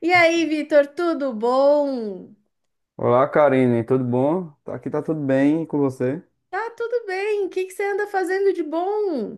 E aí, Vitor, tudo bom? Olá, Karine, tudo bom? Aqui tá tudo bem e com você? Tá tudo bem. O que que você anda fazendo de bom?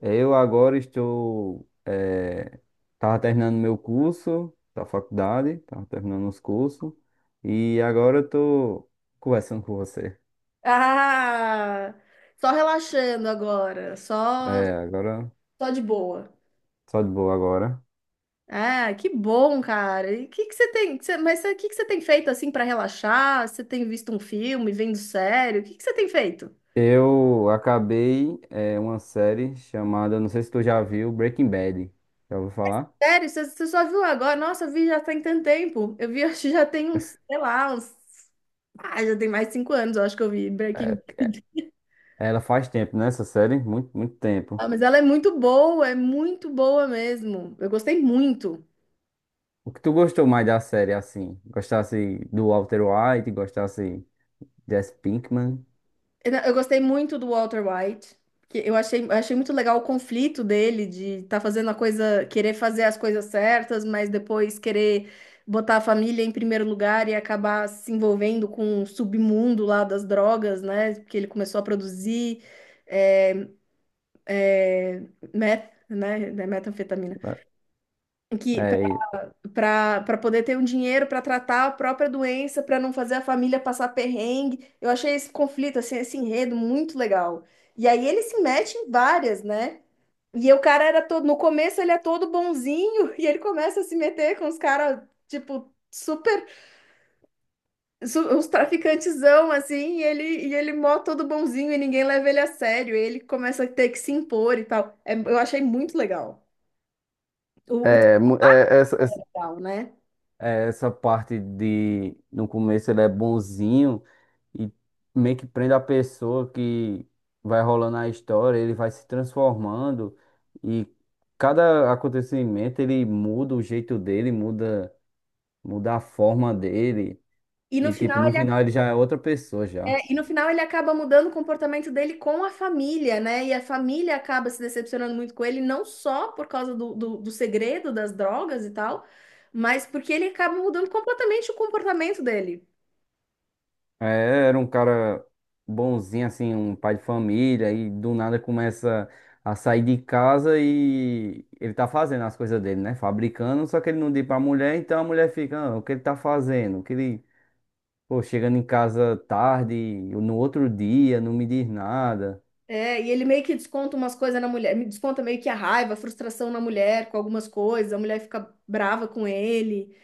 Eu agora tava terminando meu curso da faculdade, tava terminando os cursos, e agora eu tô conversando com você. Ah, só relaxando agora, só É, agora, só de boa. só de boa agora. Ah, que bom, cara. E o que que você tem, mas o que que você tem feito assim para relaxar? Você tem visto um filme, vendo sério? O que que você tem feito? Eu acabei uma série chamada, não sei se tu já viu, Breaking Bad. Já ouviu falar? Sério, você só viu agora? Nossa, eu vi já tem tanto tempo. Eu vi, acho que já tem uns, sei lá, uns, ah, já tem mais de 5 anos, eu acho que eu vi É, Breaking. ela faz tempo, né, essa série? Muito, muito tempo. Ah, mas ela é muito boa mesmo. Eu gostei muito. O que tu gostou mais da série, assim? Gostasse do Walter White, gostasse Jesse Pinkman? Eu gostei muito do Walter White. Eu achei muito legal o conflito dele de estar fazendo a coisa, querer fazer as coisas certas, mas depois querer botar a família em primeiro lugar e acabar se envolvendo com o submundo lá das drogas, né? Porque ele começou a produzir é, meth, né, metanfetamina. Que É, para para poder ter um dinheiro para tratar a própria doença, para não fazer a família passar perrengue. Eu achei esse conflito, assim, esse enredo muito legal. E aí ele se mete em várias, né? E o cara era todo, no começo ele é todo bonzinho e ele começa a se meter com os caras, tipo, os traficantezão, assim, e ele mó todo bonzinho e ninguém leva ele a sério. E ele começa a ter que se impor e tal. Eu achei muito legal, o é, mu- é, essa, essa desenrolar, né? Essa parte de. No começo ele é bonzinho e meio que prende a pessoa que vai rolando a história, ele vai se transformando e cada acontecimento ele muda o jeito dele, muda a forma dele E no e, tipo, final no final ele já é outra pessoa, já. É, e no final ele acaba mudando o comportamento dele com a família, né? E a família acaba se decepcionando muito com ele, não só por causa do segredo das drogas e tal, mas porque ele acaba mudando completamente o comportamento dele. É, era um cara bonzinho, assim, um pai de família, e do nada começa a sair de casa e ele tá fazendo as coisas dele, né? Fabricando, só que ele não diz pra mulher, então a mulher fica, "Ah, o que ele tá fazendo? O que ele, pô, chegando em casa tarde, no outro dia, não me diz nada." É, e ele meio que desconta umas coisas na mulher, me desconta meio que a raiva, a frustração na mulher com algumas coisas, a mulher fica brava com ele.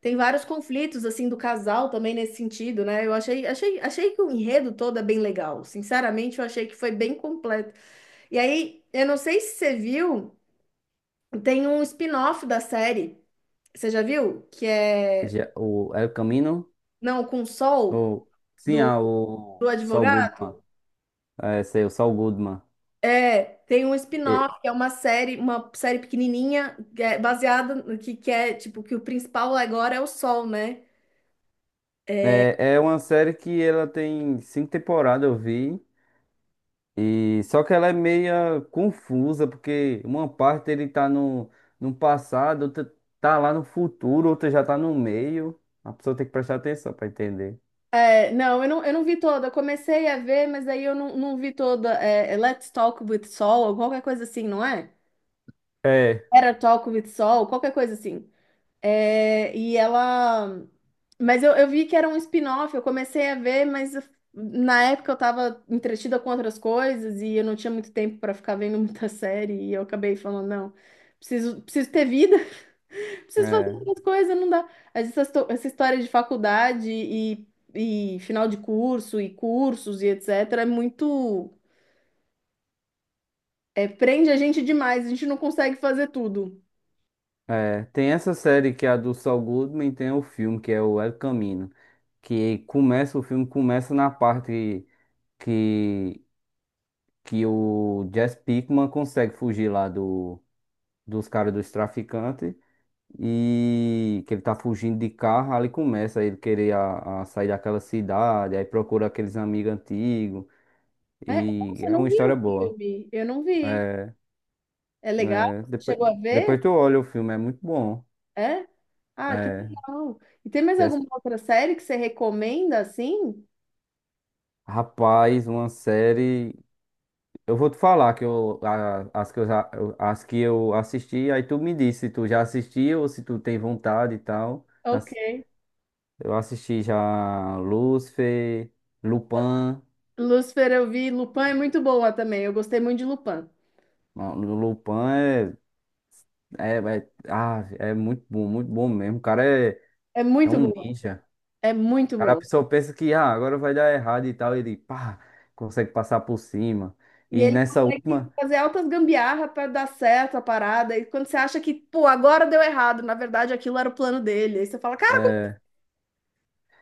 Tem vários conflitos assim do casal também nesse sentido, né? Eu achei que o enredo todo é bem legal. Sinceramente, eu achei que foi bem completo. E aí, eu não sei se você viu, tem um spin-off da série. Você já viu? Que é Já, o El Camino? não com Sol Ou, sim, do, o do Saul advogado? Goodman. É, sei, o Saul Goodman. É, tem um E- spin-off, que é uma série pequenininha, que é baseada no que é, tipo, que o principal agora é o Sol, né? é, uma série que ela tem cinco temporadas, eu vi. E só que ela é meia confusa, porque uma parte ele tá no passado, outra tá lá no futuro, outra já tá no meio. A pessoa tem que prestar atenção pra entender. É, não, eu não vi toda. Eu comecei a ver, mas aí eu não vi toda. É Let's Talk with Sol, ou qualquer coisa assim, não é? É. Era Talk with Sol, qualquer coisa assim. É, e ela. Mas eu vi que era um spin-off, eu comecei a ver, na época eu tava entretida com outras coisas e eu não tinha muito tempo para ficar vendo muita série e eu acabei falando, não, preciso ter vida, preciso fazer É, outras coisas, não dá. Mas essa história de faculdade e final de curso e cursos e etc. é muito. Prende a gente demais, a gente não consegue fazer tudo. é. Tem essa série que é a do Saul Goodman, tem o filme que é o El Camino, que começa, o filme começa na parte que, que o Jesse Pinkman consegue fugir lá do, dos caras dos traficantes. E que ele tá fugindo de carro, ali começa ele querer a sair daquela cidade, aí procura aqueles amigos antigos, É, e nossa, eu é uma não vi história o boa. filme, eu não vi. É, É legal? é, Você depois, chegou a ver? depois tu olha o filme, é muito bom. É? Ah, que É, legal. E tem mais Jess- alguma outra série que você recomenda assim? rapaz, uma série. Eu vou te falar que eu, a- as que eu, já- eu- as que eu assisti, aí tu me diz se tu já assistiu ou se tu tem vontade e tal. Ok. Eu assisti já Lucifer, Lupin. Lucifer eu vi. Lupin é muito boa também. Eu gostei muito de Lupin. Não, Lupin é. É muito bom mesmo. O cara é, É é muito um boa. ninja. É O muito cara, a boa. pessoa pensa que agora vai dar errado e tal. Ele, pá, consegue passar por cima. E E ele nessa consegue última, fazer altas gambiarra para dar certo a parada. E quando você acha que, pô, agora deu errado, na verdade aquilo era o plano dele. Aí você fala, cara, é,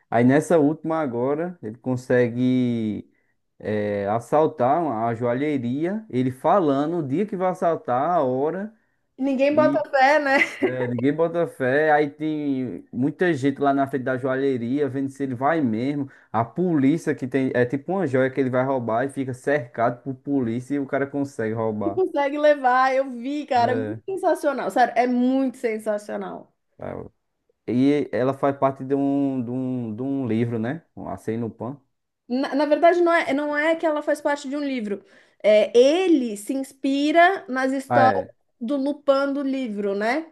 aí nessa última agora, ele consegue assaltar a joalheria. Ele falando o dia que vai assaltar, a hora. ninguém bota fé, né? É, ninguém bota fé. Aí tem muita gente lá na frente da joalheria vendo se ele vai mesmo. A polícia que tem. É tipo uma joia que ele vai roubar e fica cercado por polícia e o cara consegue E roubar. consegue levar. Eu vi, cara. É muito É. sensacional. Sério, é muito sensacional. É. E ela faz parte de um livro, né? Um Acém no Pan. Na verdade, não é que ela faz parte de um livro. É, ele se inspira nas Ah, histórias é. do Lupin do livro, né?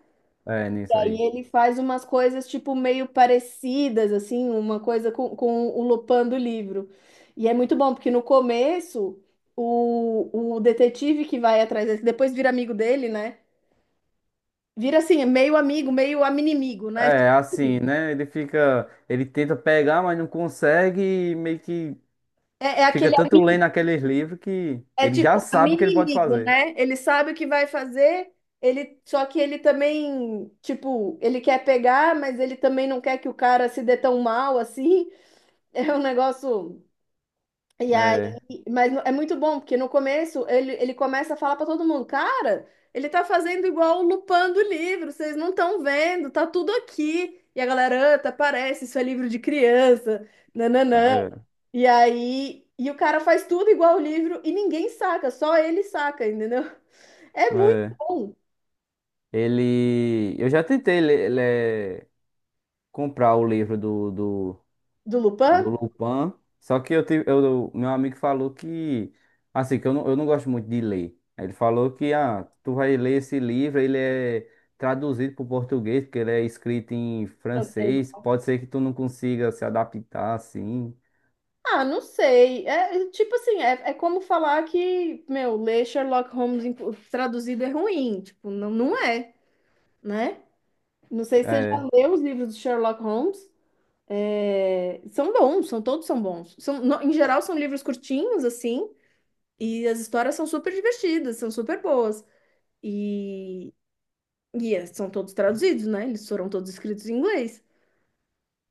É, E nisso aí aí. ele faz umas coisas, tipo, meio parecidas, assim, uma coisa com o Lupin do livro. E é muito bom, porque no começo, o detetive que vai atrás dele, que depois vira amigo dele, né? Vira assim, meio amigo, meio aminimigo, né? É, assim, né? Ele fica. Ele tenta pegar, mas não consegue. E meio que É fica aquele. tanto lendo aqueles livros que É ele já tipo sabe o amigo que ele pode inimigo, fazer. né? Ele sabe o que vai fazer, ele só que ele também, tipo, ele quer pegar, mas ele também não quer que o cara se dê tão mal assim. É um negócio. E aí, É. mas é muito bom, porque no começo ele começa a falar pra todo mundo, cara, ele tá fazendo igual o Lupin do livro, vocês não estão vendo, tá tudo aqui. E a galera, "Ah, tá parece, isso é livro de criança. Nananã." É. E aí, e o cara faz tudo igual o livro e ninguém saca, só ele saca, entendeu? É muito É. bom. Ele. Eu já tentei comprar o livro do, do, Do do Lupin? Lupin, só que meu amigo falou que. Assim, que eu não gosto muito de ler. Ele falou que, tu vai ler esse livro, ele é traduzido para o português, porque ele é escrito em Não sei. francês, pode ser que tu não consiga se adaptar assim. Ah, não sei. Tipo assim, é como falar que, meu, ler Sherlock Holmes traduzido é ruim. Tipo, não, não é, né? Não sei se você É, já leu os livros do Sherlock Holmes. É, são bons, são todos são bons. São, em geral, são livros curtinhos, assim, e as histórias são super divertidas, são super boas. e São todos traduzidos, né? Eles foram todos escritos em inglês.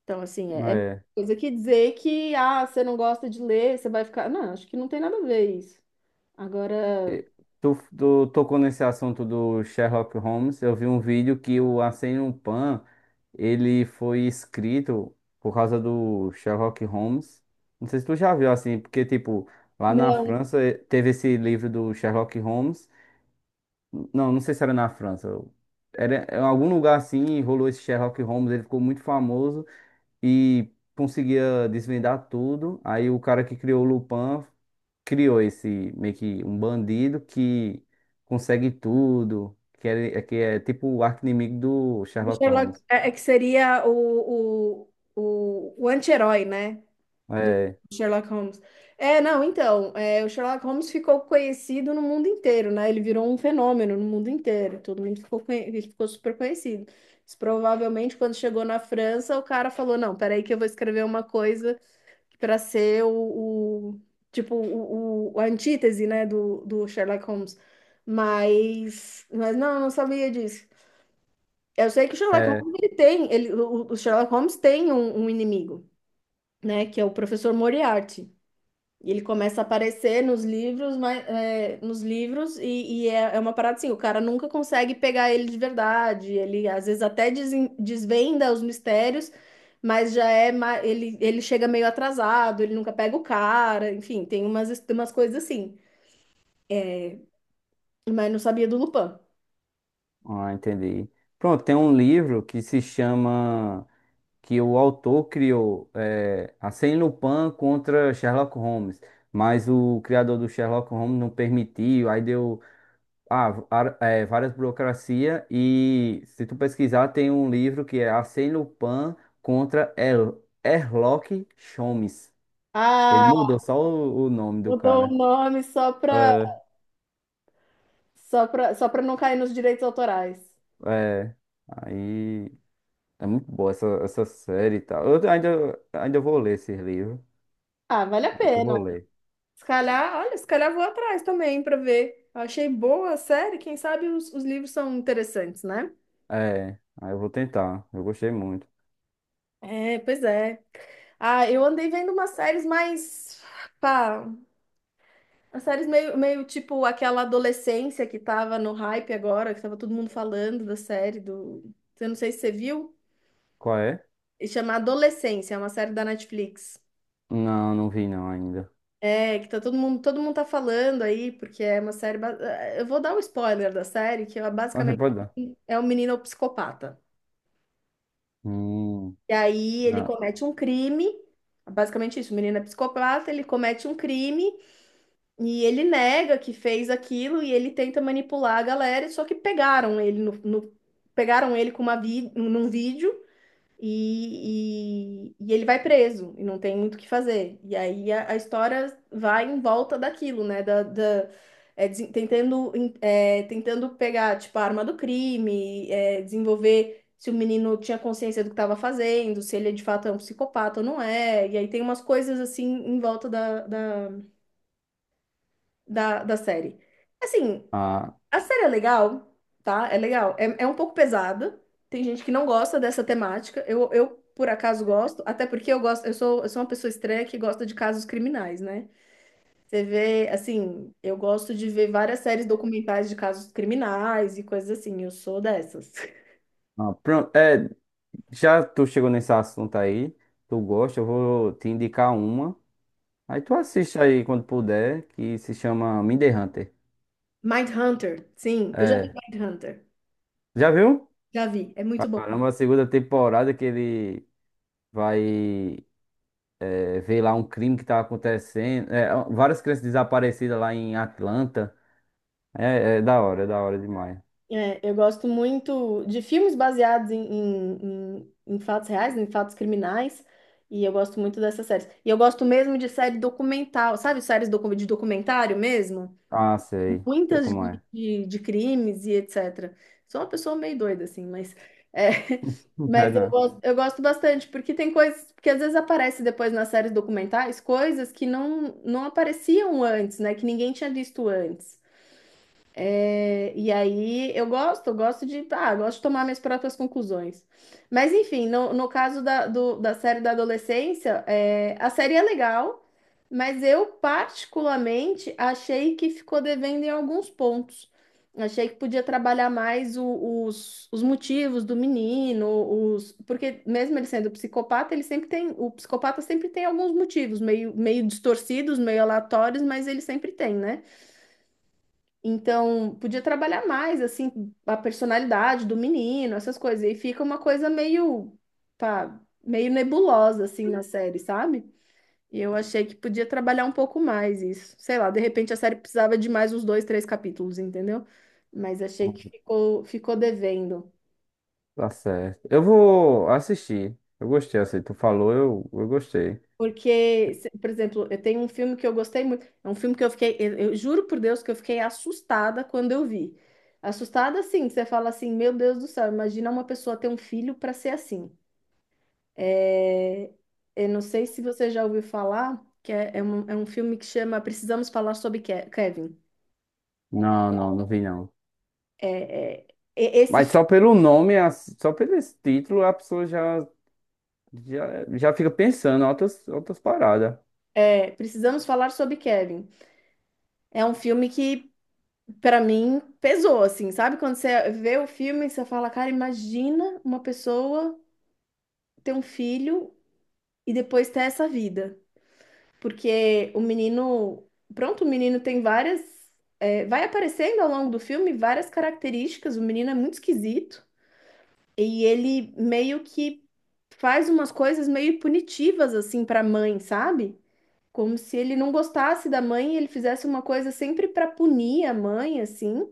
Então, assim, é é. coisa que dizer que, ah, você não gosta de ler, você vai ficar. Não, acho que não tem nada a ver isso. Agora, Tu tocou nesse assunto do Sherlock Holmes. Eu vi um vídeo que o Arsène Lupin ele foi escrito por causa do Sherlock Holmes. Não sei se tu já viu assim, porque tipo lá na não, França teve esse livro do Sherlock Holmes. Não, não sei se era na França. Era em algum lugar assim, rolou esse Sherlock Holmes. Ele ficou muito famoso e conseguia desvendar tudo. Aí o cara que criou o Lupin criou esse meio que um bandido que consegue tudo, que é tipo o arqui-inimigo do o Sherlock Sherlock Holmes. é que seria o anti-herói, né? Do É, Sherlock Holmes. É, não, então, o Sherlock Holmes ficou conhecido no mundo inteiro, né? Ele virou um fenômeno no mundo inteiro. Todo mundo ele ficou super conhecido. Mas provavelmente, quando chegou na França, o cara falou: "Não, peraí, que eu vou escrever uma coisa para ser tipo, a antítese, né, do Sherlock Holmes." Mas não, eu não sabia disso. Eu sei que o Sherlock é, Holmes ele tem, ele, o Sherlock Holmes tem um inimigo, né? Que é o professor Moriarty. E ele começa a aparecer nos livros, mas, nos livros e é uma parada assim, o cara nunca consegue pegar ele de verdade, ele às vezes até desvenda os mistérios, mas já é, ele chega meio atrasado, ele nunca pega o cara, enfim, tem umas coisas assim, mas não sabia do Lupin. ah, entendi. Pronto, tem um livro que se chama que o autor criou Arsène Lupin contra Sherlock Holmes, mas o criador do Sherlock Holmes não permitiu, aí deu. Várias burocracias e se tu pesquisar tem um livro que é Arsène Lupin contra Herlock Sholmes. Ele Ah, mudou só o nome do mudou o cara. nome só pra, É, só pra não cair nos direitos autorais. é. Aí é muito boa essa série e tal. Eu ainda vou ler esse livro. Ah, vale a Ainda pena. vou ler. Se calhar, olha, se calhar vou atrás também para ver. Eu achei boa a série, quem sabe os livros são interessantes, né? É, aí eu vou tentar. Eu gostei muito. É, pois é. Ah, eu andei vendo umas séries mais, pá, umas séries meio, meio tipo aquela adolescência que tava no hype agora, que tava todo mundo falando da série do, eu não sei se você viu, Qual é? e chama Adolescência, é uma série da Netflix. Não, não vi não ainda. É, que tá todo mundo tá falando aí, porque é uma série, eu vou dar um spoiler da série, que é Ah, basicamente pode dar. é um menino psicopata. Hum, E aí ele ah, comete um crime, basicamente isso, o menino é psicopata, ele comete um crime e ele nega que fez aquilo e ele tenta manipular a galera, só que pegaram ele pegaram ele com uma vi num vídeo e ele vai preso e não tem muito o que fazer. E aí a história vai em volta daquilo, né? É, desen- tentando, tentando pegar, tipo, a arma do crime, desenvolver se o menino tinha consciência do que estava fazendo, se ele de fato é um psicopata ou não é. E aí tem umas coisas assim em volta da série. Assim. ah, A série é legal, tá? É legal. É um pouco pesada. Tem gente que não gosta dessa temática. Por acaso, gosto, até porque eu gosto, eu sou uma pessoa estranha que gosta de casos criminais, né? Você vê, assim, eu gosto de ver várias séries documentais de casos criminais e coisas assim. Eu sou dessas. ah, pronto. É, já tu chegou nesse assunto aí, tu gosta, eu vou te indicar uma. Aí tu assiste aí quando puder, que se chama Mindy Hunter. Mindhunter, sim, eu já vi É, Mindhunter. já viu? Já vi, é muito bom. Caramba, a segunda temporada que ele vai ver lá um crime que tá acontecendo. É, várias crianças desaparecidas lá em Atlanta. É, é da hora demais. É, eu gosto muito de filmes baseados em fatos reais, em fatos criminais, e eu gosto muito dessas séries. E eu gosto mesmo de série documental, sabe? Séries de documentário mesmo? Ah, sei, sei Muitas como de, é. de, de crimes e etc. Sou uma pessoa meio doida, assim, é, É, mas não. Eu gosto bastante, porque tem coisas, porque às vezes aparece depois nas séries documentais coisas que não apareciam antes, né? Que ninguém tinha visto antes. É, e aí eu gosto de, ah, gosto de tomar minhas próprias conclusões. Mas enfim, no caso da, da série da adolescência, a série é legal, mas eu particularmente achei que ficou devendo em alguns pontos. Achei que podia trabalhar mais os motivos do menino, os, porque mesmo ele sendo psicopata, ele sempre tem, o psicopata sempre tem alguns motivos, meio distorcidos, meio aleatórios, mas ele sempre tem, né? Então, podia trabalhar mais, assim, a personalidade do menino, essas coisas. E fica uma coisa meio, pá, meio nebulosa, assim, na série, sabe? E eu achei que podia trabalhar um pouco mais isso. Sei lá, de repente a série precisava de mais uns dois, três capítulos, entendeu? Mas achei que ficou devendo. Tá certo. Eu vou assistir. Eu gostei, assim, tu falou, eu gostei. Porque, por exemplo, eu tenho um filme que eu gostei muito. É um filme que eu fiquei, eu juro por Deus que eu fiquei assustada quando eu vi. Assustada, assim, que você fala assim, meu Deus do céu, imagina uma pessoa ter um filho para ser assim. É, eu não sei se você já ouviu falar, que é um filme que chama Precisamos Falar sobre Kevin. Não, não, não vi não. É, é, e- esse Mas fi- só pelo nome, só pelo esse título, a pessoa já, já, já fica pensando em outras paradas. Precisamos Falar sobre Kevin. É um filme que, para mim, pesou, assim, sabe? Quando você vê o filme, você fala, cara, imagina uma pessoa ter um filho e depois ter essa vida. Porque o menino. Pronto, o menino tem várias. Vai aparecendo ao longo do filme várias características. O menino é muito esquisito. E ele meio que faz umas coisas meio punitivas, assim, para a mãe, sabe? Como se ele não gostasse da mãe e ele fizesse uma coisa sempre para punir a mãe, assim.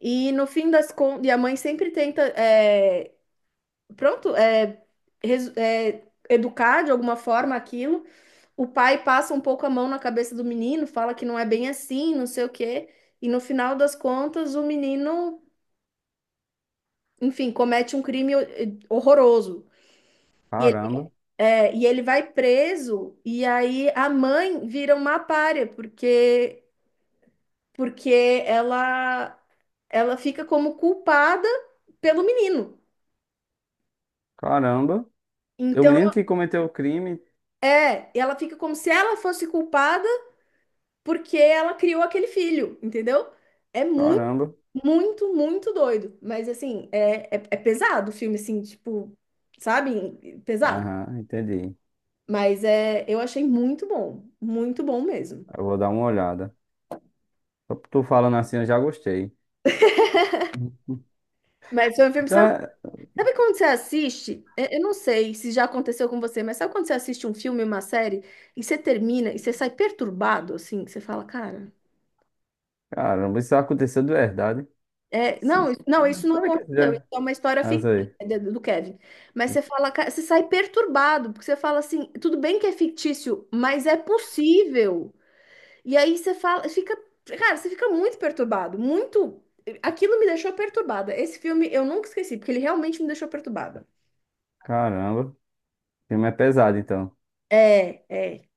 E no fim das contas. E a mãe sempre tenta. É, pronto, é, resu- é, Educar de alguma forma aquilo. O pai passa um pouco a mão na cabeça do menino, fala que não é bem assim, não sei o quê, e no final das contas o menino, enfim, comete um crime horroroso. E ele, Caramba, e ele vai preso, e aí a mãe vira uma pária, porque ela, ela fica como culpada pelo menino. caramba. E o Então, menino que cometeu o crime, ela fica como se ela fosse culpada porque ela criou aquele filho, entendeu? É muito, caramba. muito, muito doido. Mas assim, é pesado o filme, assim, tipo, sabe? Pesado. Aham, entendi. Mas é, eu achei muito bom mesmo. Eu vou dar uma olhada. Só por tu falando assim, eu já gostei. Mas foi um filme, Então, sabe, é- sabe quando você assiste? É, eu não sei se já aconteceu com você, mas sabe quando você assiste um filme, uma série, e você termina e você sai perturbado, assim, que você fala, cara. Caramba, isso aconteceu de verdade. É, não, Isso- não, isso não Peraí que aconteceu. Isso já. é uma história Mas aí. fictícia do Kevin. Mas você fala, você sai perturbado, porque você fala assim, tudo bem que é fictício, mas é possível. E aí você fala, fica, cara, você fica muito perturbado, muito. Aquilo me deixou perturbada. Esse filme eu nunca esqueci, porque ele realmente me deixou perturbada. Caramba, o filme é pesado, então. É, é,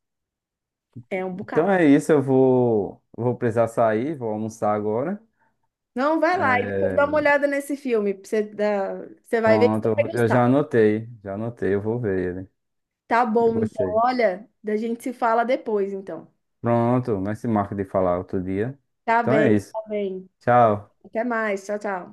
é um Então bocado. é isso, eu vou precisar sair, vou almoçar agora. Não, vai lá e depois É, dá uma olhada nesse filme. Pra Você, você vai ver que você pronto, vai eu gostar. Já anotei, eu vou ver ele. Tá Eu bom, então, gostei. olha, da gente se fala depois, então. Pronto, mas se marca de falar outro dia. Tá Então é bem, isso. tá bem. Tchau. Até mais. Tchau, tchau.